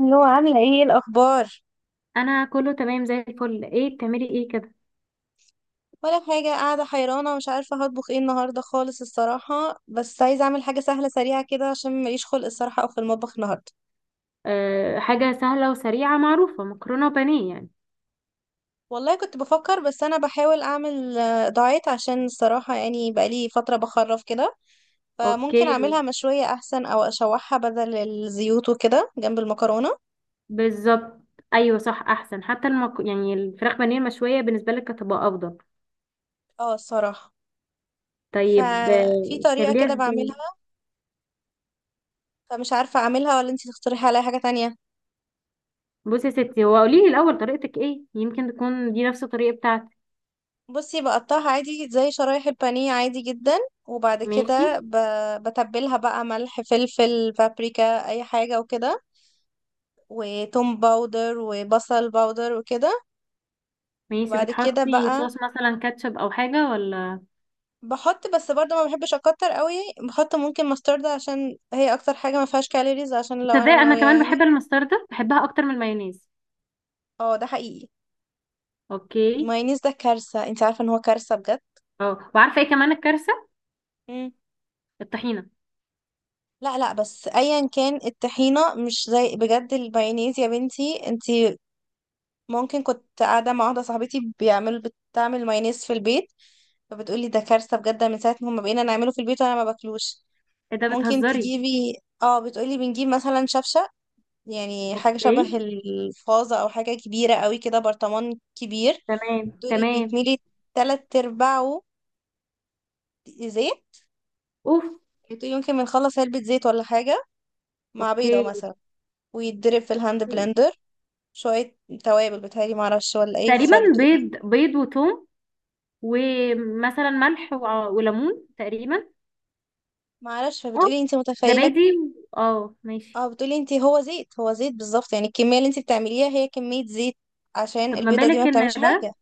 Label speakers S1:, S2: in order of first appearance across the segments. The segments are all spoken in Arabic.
S1: اللي هو عاملة ايه؟ إيه الأخبار؟
S2: انا كله تمام زي الفل. ايه بتعملي ايه كده؟
S1: ولا حاجة، قاعدة حيرانة ومش عارفة هطبخ ايه النهاردة خالص الصراحة. بس عايزة أعمل حاجة سهلة سريعة كده عشان ماليش خلق الصراحة أو في المطبخ النهاردة.
S2: أه، حاجه سهله وسريعه معروفه مكرونه وبانيه يعني.
S1: والله كنت بفكر، بس أنا بحاول أعمل دايت عشان الصراحة، يعني بقالي فترة بخرف كده.
S2: اوكي.
S1: فممكن أعملها مشوية أحسن، أو أشوحها بدل الزيوت وكده جنب المكرونة.
S2: بالظبط. ايوه، صح، احسن حتى يعني الفراخ بانيه المشويه بالنسبه لك هتبقى افضل.
S1: اه الصراحة.
S2: طيب،
S1: ففي طريقة
S2: بتعمليها
S1: كده
S2: ازاي؟
S1: بعملها، فمش عارفة أعملها ولا انتي تقترحي عليا حاجة تانية.
S2: بصي يا ستي، هو قولي لي الاول طريقتك ايه، يمكن تكون دي نفس الطريقه بتاعتي.
S1: بصي، بقطعها عادي زي شرايح البانيه عادي جدا. وبعد
S2: ماشي.
S1: كده بتبلها بقى ملح فلفل بابريكا اي حاجة وكده، وتوم باودر وبصل باودر وكده.
S2: ماشي،
S1: وبعد كده
S2: بتحطي
S1: بقى
S2: صوص مثلا كاتشب او حاجه ولا؟
S1: بحط، بس برضه ما بحبش اكتر قوي. بحط ممكن مسترد عشان هي اكتر حاجة ما فيهاش كالوريز، عشان لو
S2: تصدقي
S1: انا
S2: انا
S1: ناوية
S2: كمان
S1: يعني.
S2: بحب المستردة، بحبها اكتر من المايونيز.
S1: اه ده حقيقي.
S2: اوكي.
S1: المايونيز ده كارثة، انت عارفة ان هو كارثة بجد.
S2: اه، وعارفه ايه كمان الكارثه؟
S1: مم.
S2: الطحينه.
S1: لا بس ايا كان الطحينه مش زي بجد المايونيز يا بنتي انت. ممكن، كنت قاعدة مع واحدة صاحبتي بيعملوا، بتعمل مايونيز في البيت. فبتقولي ده كارثة بجد، من ساعة ما بقينا نعمله في البيت وانا ما باكلوش.
S2: ايه ده،
S1: ممكن
S2: بتهزري؟
S1: تجيبي، اه بتقولي بنجيب مثلا شفشة، يعني حاجة شبه
S2: اوكي،
S1: الفازة او حاجة كبيرة قوي كده، برطمان كبير.
S2: تمام
S1: تقولي
S2: تمام.
S1: بيتملي تلات ارباعه زيت.
S2: اوف.
S1: بتقولي ممكن بنخلص علبة زيت ولا حاجة، مع بيضة
S2: اوكي.
S1: مثلا. ويتضرب في الهاند بلندر، شوية توابل بتهيألي معرفش ولا ايه.
S2: تقريبا
S1: فبتقولي،
S2: بيض بيض وتوم، ومثلا ملح وليمون تقريبا.
S1: معرفش،
S2: اه،
S1: فبتقولي انت متخيلة؟
S2: زبادي اه، ماشي.
S1: اه بتقولي، انت هو زيت، هو زيت بالظبط. يعني الكمية اللي انت بتعمليها هي كمية زيت، عشان
S2: طب
S1: البيضة دي ما بتعملش حاجة.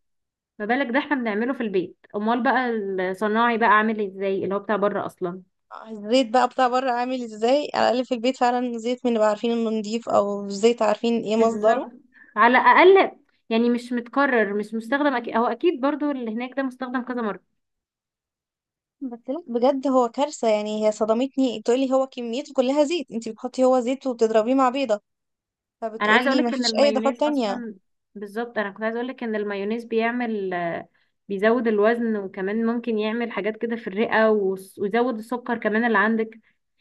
S2: ما بالك ده، احنا بنعمله في البيت امال بقى. الصناعي بقى عامل ازاي اللي هو بتاع بره اصلا؟
S1: الزيت بقى بتاع بره عامل ازاي؟ على الأقل في البيت فعلا زيت من اللي بقى عارفين انه نضيف، او زيت عارفين ايه
S2: بالظبط.
S1: مصدره.
S2: على الاقل. يعني مش متكرر، مش مستخدم أكيد، هو اكيد برضو اللي هناك ده مستخدم كذا مرة.
S1: بس لا بجد هو كارثة، يعني هي صدمتني. بتقولي هو كميته كلها زيت، انت بتحطي هو زيت وبتضربيه مع بيضة.
S2: انا عايزه
S1: فبتقولي ما
S2: اقولك ان
S1: فيش اي
S2: المايونيز
S1: اضافات تانية.
S2: اصلا. بالظبط، انا كنت عايزه اقولك ان المايونيز بيعمل، بيزود الوزن وكمان ممكن يعمل حاجات كده في الرئه ويزود السكر كمان اللي عندك.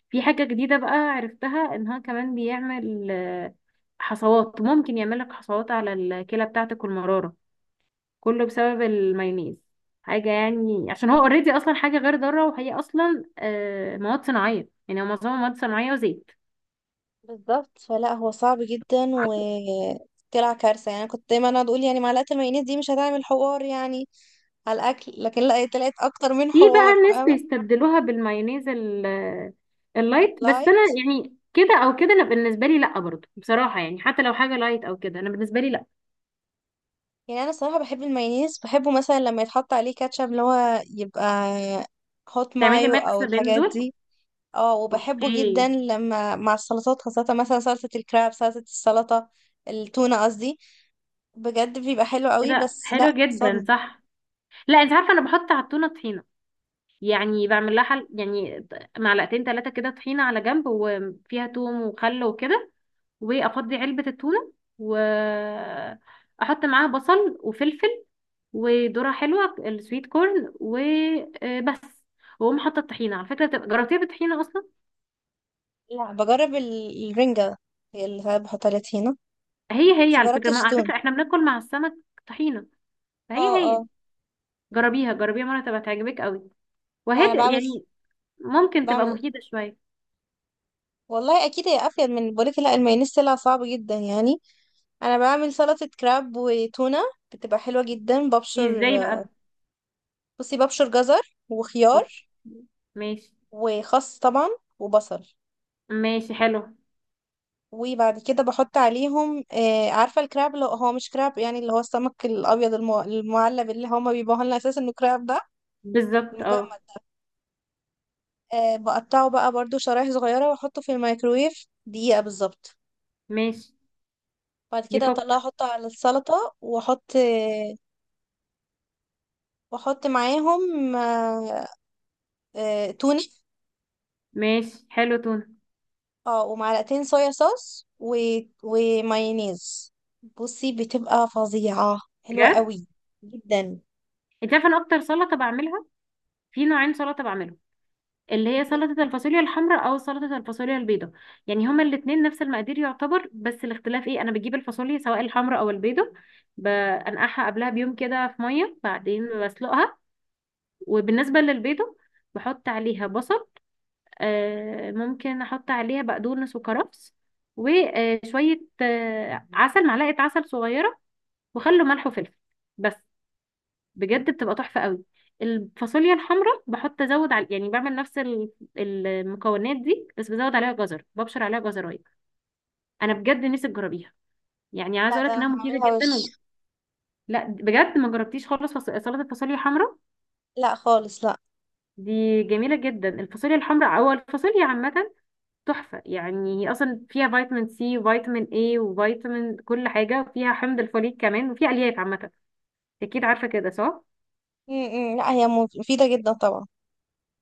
S2: في حاجه جديده بقى عرفتها ان هو كمان بيعمل، حصوات، ممكن يعمل لك حصوات على الكلى بتاعتك والمراره. كله بسبب المايونيز. حاجه يعني عشان هو اوريدي اصلا حاجه غير ضاره، وهي اصلا مواد صناعيه، يعني هو معظمها مواد صناعيه وزيت.
S1: بالظبط. فلا هو صعب جدا، و طلع كارثة. يعني أنا كنت دايما اقعد اقول يعني معلقة المايونيز دي مش هتعمل حوار يعني على الاكل، لكن لا طلعت اكتر من
S2: في بقى
S1: حوار،
S2: الناس
S1: فاهمه.
S2: بيستبدلوها بالمايونيز اللايت. بس
S1: لايك،
S2: انا يعني كده او كده انا بالنسبه لي لا، برضو بصراحه يعني حتى لو حاجه لايت او كده، انا بالنسبه لي لا.
S1: يعني انا صراحه بحب المايونيز، بحبه مثلا لما يتحط عليه كاتشب اللي هو يبقى هوت
S2: تعملي
S1: مايو او
S2: ميكس بين
S1: الحاجات
S2: دول؟
S1: دي. اه
S2: اوكي.
S1: وبحبه جدا لما مع السلطات، خاصه مثلا سلطه الكراب، السلطه التونه قصدي. بجد بيبقى حلو قوي.
S2: كده
S1: بس
S2: حلو
S1: لا
S2: جدا،
S1: صدمه.
S2: صح. لا، انت عارفه انا بحط على التونه طحينه. يعني بعمل لها حل يعني. معلقتين ثلاثه كده طحينه على جنب، وفيها توم وخل وكده. وافضي علبة التونة. واحط معاها بصل وفلفل. وذرة حلوة، السويت كورن وبس. واقوم حاطة الطحينة. على فكرة جربتيها بالطحينة اصلا؟
S1: لا بجرب الرنجه، هي اللي ساعات بحط عليها طحينه،
S2: هي هي
S1: بس
S2: على فكرة. ما
S1: مجربتش
S2: على
S1: تونه.
S2: فكرة احنا بناكل مع السمك. طحينة. فهي
S1: اه
S2: هي.
S1: اه.
S2: جربيها جربيها مرة تبقى تعجبك قوي.
S1: لا
S2: وهي
S1: انا بعمل،
S2: يعني. ممكن تبقى
S1: بعمل
S2: مفيدة شوية.
S1: والله اكيد هي افيد من، بقولك لا المايونيز طلع صعب جدا يعني. انا بعمل سلطة كراب وتونة، بتبقى حلوة جدا. ببشر،
S2: ازاي بقى؟
S1: بصي، ببشر جزر وخيار
S2: اوكي. ماشي.
S1: وخس طبعا وبصل.
S2: ماشي حلو.
S1: وبعد كده بحط عليهم عارفة الكراب اللي هو مش كراب، يعني اللي هو السمك الابيض المعلب اللي هما بيبيعوه لنا اساسا انه كراب ده،
S2: بالظبط،
S1: المجمد.
S2: اه.
S1: بقطعه بقى برضو شرايح صغيرة، واحطه في الميكرويف دقيقة بالظبط.
S2: ماشي.
S1: بعد كده اطلعه،
S2: يفك.
S1: احطه على السلطة، واحط واحط معاهم تونة.
S2: ماشي حلو، تونة.
S1: اه، ومعلقتين صويا صوص و... ومايونيز. بصي بتبقى فظيعة، حلوة
S2: بجد.
S1: قوي جدا.
S2: انت عارفه انا اكتر سلطه بعملها. في نوعين سلطه بعملهم. اللي هي سلطه الفاصوليا الحمراء او سلطه الفاصوليا البيضاء. يعني هما الاثنين نفس المقادير يعتبر، بس الاختلاف ايه، انا بجيب الفاصوليا سواء الحمراء او البيضاء. بنقعها قبلها بيوم كده في ميه، بعدين بسلقها. وبالنسبه للبيضاء. بحط عليها بصل. ممكن احط عليها بقدونس وكرفس. وشويه عسل، معلقه عسل صغيره. وخل وملح وفلفل. بس. بجد بتبقى تحفة قوي. الفاصوليا الحمراء بحط ازود على يعني بعمل نفس المكونات دي، بس بزود عليها جزر، ببشر عليها جزرايه. انا بجد نفسي تجربيها. يعني عايزه
S1: لا
S2: اقول
S1: ده
S2: لك
S1: انا
S2: انها مفيده
S1: هعملها
S2: جدا. و...
S1: وش.
S2: لا بجد، ما جربتيش خالص سلطه الفاصوليا الحمراء.
S1: لا خالص لا.
S2: دي جميله جدا، الفاصوليا الحمراء او الفاصوليا عامه. تحفه يعني، هي اصلا فيها فيتامين سي وفيتامين اي وفيتامين كل حاجه، وفيها حمض الفوليك كمان، وفيها الياف عامه. اكيد عارفه كده، صح.
S1: م -م. لا هي مفيدة جدا طبعا.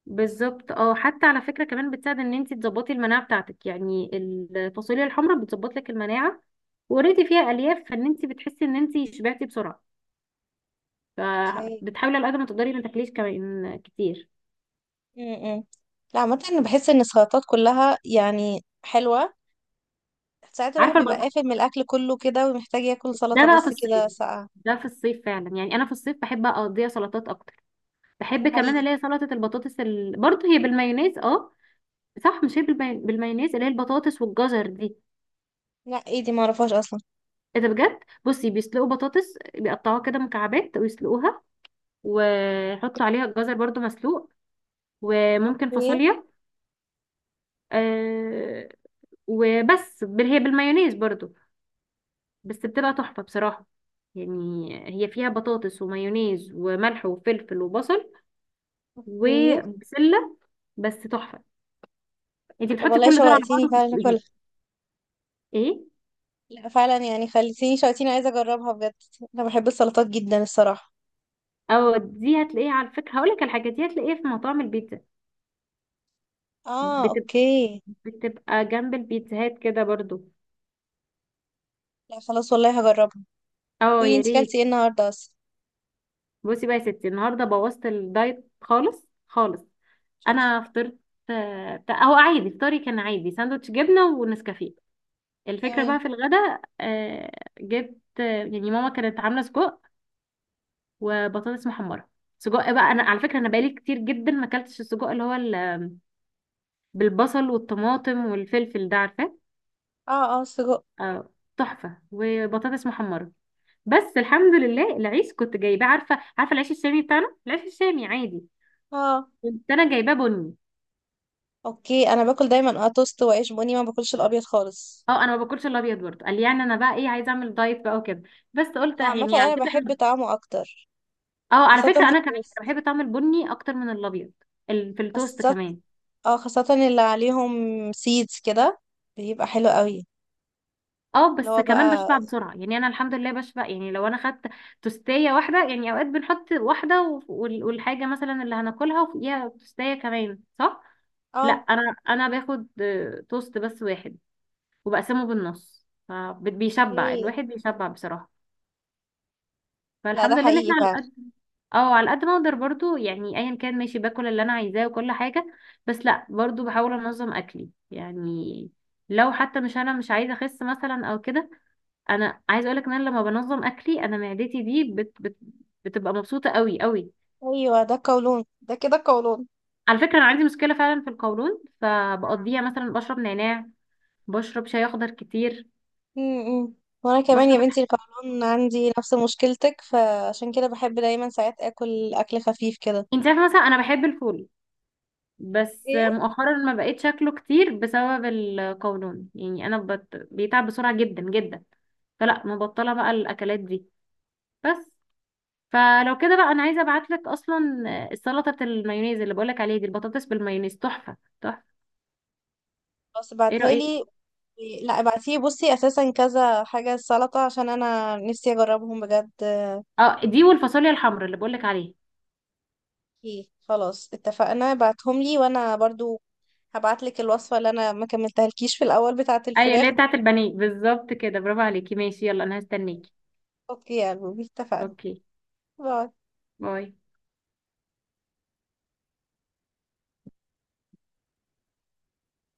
S2: بالظبط اه، حتى على فكرة كمان بتساعد ان انت تظبطي المناعة بتاعتك، يعني الفاصوليا الحمراء بتظبط لك المناعة. وريتي فيها الياف، فان انت بتحسي ان انت شبعتي بسرعة.
S1: اوكي.
S2: فبتحاولي على قد ما تقدري ما تاكليش كمان كتير.
S1: م -م. لا عامة انا بحس ان السلطات كلها يعني حلوة. ساعات الواحد
S2: عارفة
S1: بيبقى قافل من الاكل كله كده، ومحتاج ياكل
S2: ده
S1: سلطة
S2: بقى في
S1: بس
S2: الصيف.
S1: كده ساقعة.
S2: ده في الصيف فعلا، يعني انا في الصيف بحب اقضيها سلطات اكتر.
S1: ده
S2: بحب كمان
S1: حقيقي.
S2: اللي هي سلطة البطاطس برضه هي بالمايونيز، اه. صح، مش هي بالمايونيز اللي هي البطاطس والجزر دي.
S1: لا، ايه دي؟ معرفهاش اصلا.
S2: ايه ده، بجد؟ بصي، بيسلقوا بطاطس، بيقطعوها كده مكعبات ويسلقوها. وحط عليها الجزر برضو مسلوق. وممكن
S1: ايه؟
S2: فاصوليا. آه. وبس هي بالمايونيز برضو. بس بتبقى تحفة بصراحة. يعني هي فيها بطاطس ومايونيز وملح وفلفل وبصل.
S1: ايه؟
S2: وبسلة. بس تحفة. انت
S1: طب
S2: بتحطي
S1: والله
S2: كل دول على بعض
S1: شوقتيني فعلا
S2: وتسلقيها.
S1: اكل.
S2: ايه.
S1: لا فعلا، يعني خليتيني شوقتيني، عايزه اجربها بجد. انا بحب السلطات جدا الصراحه.
S2: او دي هتلاقيها على فكرة، هقولك على حاجة، دي هتلاقيها في مطاعم البيتزا.
S1: اه
S2: بتب-
S1: اوكي.
S2: بتبقى جنب البيتزاهات كده برضو.
S1: لا خلاص والله هجربها.
S2: اه،
S1: قولي
S2: يا
S1: انتي كلتي
S2: ريت.
S1: ايه النهارده اصلا؟
S2: بصي بقى يا ستي، النهارده بوظت الدايت خالص خالص.
S1: شاطر.
S2: انا فطرت. بتاع هو عادي، فطاري كان عادي ساندوتش جبنه ونسكافيه. الفكره بقى
S1: تمام.
S2: في الغداء، جبت، يعني ماما كانت عامله سجق. وبطاطس محمره. سجق بقى، انا على فكره انا بقالي كتير جدا ما اكلتش السجق اللي هو بالبصل والطماطم والفلفل ده، عارفاه؟
S1: اه اه سجق.
S2: آه، تحفه وبطاطس محمره. بس الحمد لله العيش كنت جايباه، عارفه عارفه العيش الشامي بتاعنا، العيش الشامي عادي.
S1: اه
S2: كنت انا جايباه بني.
S1: اوكي. انا باكل دايما اه توست وعيش بني، ما باكلش الابيض خالص.
S2: اه، انا ما باكلش الابيض برضه، قال لي يعني انا بقى ايه، عايزه اعمل دايت بقى وكده. بس قلت
S1: لا عامه
S2: يعني على
S1: انا
S2: فكره
S1: بحب
S2: احنا.
S1: طعمه اكتر،
S2: اه، على
S1: خاصه في
S2: فكره انا كمان
S1: التوست.
S2: بحب طعم البني اكتر من الابيض. في التوست
S1: خاصه،
S2: كمان.
S1: اه خاصه اللي عليهم سيدز كده، بيبقى حلو قوي.
S2: اه،
S1: اللي
S2: بس
S1: هو
S2: كمان
S1: بقى
S2: بشبع بسرعه، يعني انا الحمد لله بشبع يعني لو انا خدت توستيه واحده، يعني اوقات بنحط واحده والحاجه مثلا اللي هناكلها وفوقيها توستيه كمان، صح. لا،
S1: اه
S2: انا باخد توست بس واحد. وبقسمه بالنص، فبيشبع
S1: اوكي.
S2: الواحد بيشبع بصراحه.
S1: لا ده
S2: فالحمد لله ان
S1: حقيقي
S2: احنا على
S1: فعلا.
S2: قد. اه، على قد ما اقدر برضو يعني، ايا كان، ماشي باكل اللي انا عايزاه وكل حاجه. بس لا، برضو بحاول انظم اكلي يعني. لو حتى مش، انا مش عايزه اخس مثلا او كده. انا عايزه اقولك ان انا لما بنظم اكلي انا معدتي دي بت بت بتبقى مبسوطه قوي قوي.
S1: ايوه ده قولون ده، كده قولون.
S2: على فكره انا عندي مشكله فعلا في القولون، فبقضيها مثلا بشرب نعناع. بشرب شاي اخضر كتير.
S1: امم وانا كمان يا
S2: بشرب
S1: بنتي
S2: الح-
S1: القولون عندي نفس مشكلتك، فعشان كده بحب دايما ساعات اكل اكل خفيف كده.
S2: انت عارفه مثلا انا بحب الفول. بس
S1: ايه،
S2: مؤخرا ما بقيت شكله كتير بسبب القولون، يعني انا بيتعب بسرعه جدا جدا. فلا، مبطله بقى الاكلات دي. بس. فلو كده بقى انا عايزه ابعت لك اصلا السلطه بتاع المايونيز اللي بقولك عليها دي، البطاطس بالمايونيز تحفه تحفه.
S1: بس
S2: ايه
S1: ابعتها
S2: رايك؟
S1: لي. لا ابعتيه، بصي اساسا كذا حاجه سلطه عشان انا نفسي اجربهم بجد.
S2: اه، دي والفاصوليا الحمراء اللي بقولك عليها.
S1: ايه خلاص اتفقنا، بعتهم لي وانا برضو هبعت لك الوصفه اللي انا ما كملتهالكيش في الاول بتاعه
S2: اي، اللي هي
S1: الفراخ دي.
S2: بتاعه البانيه بالظبط كده، برافو عليكي. ماشي، يلا، انا هستنيكي.
S1: اوكي يا قلبي اتفقنا.
S2: اوكي.
S1: باي.
S2: باي.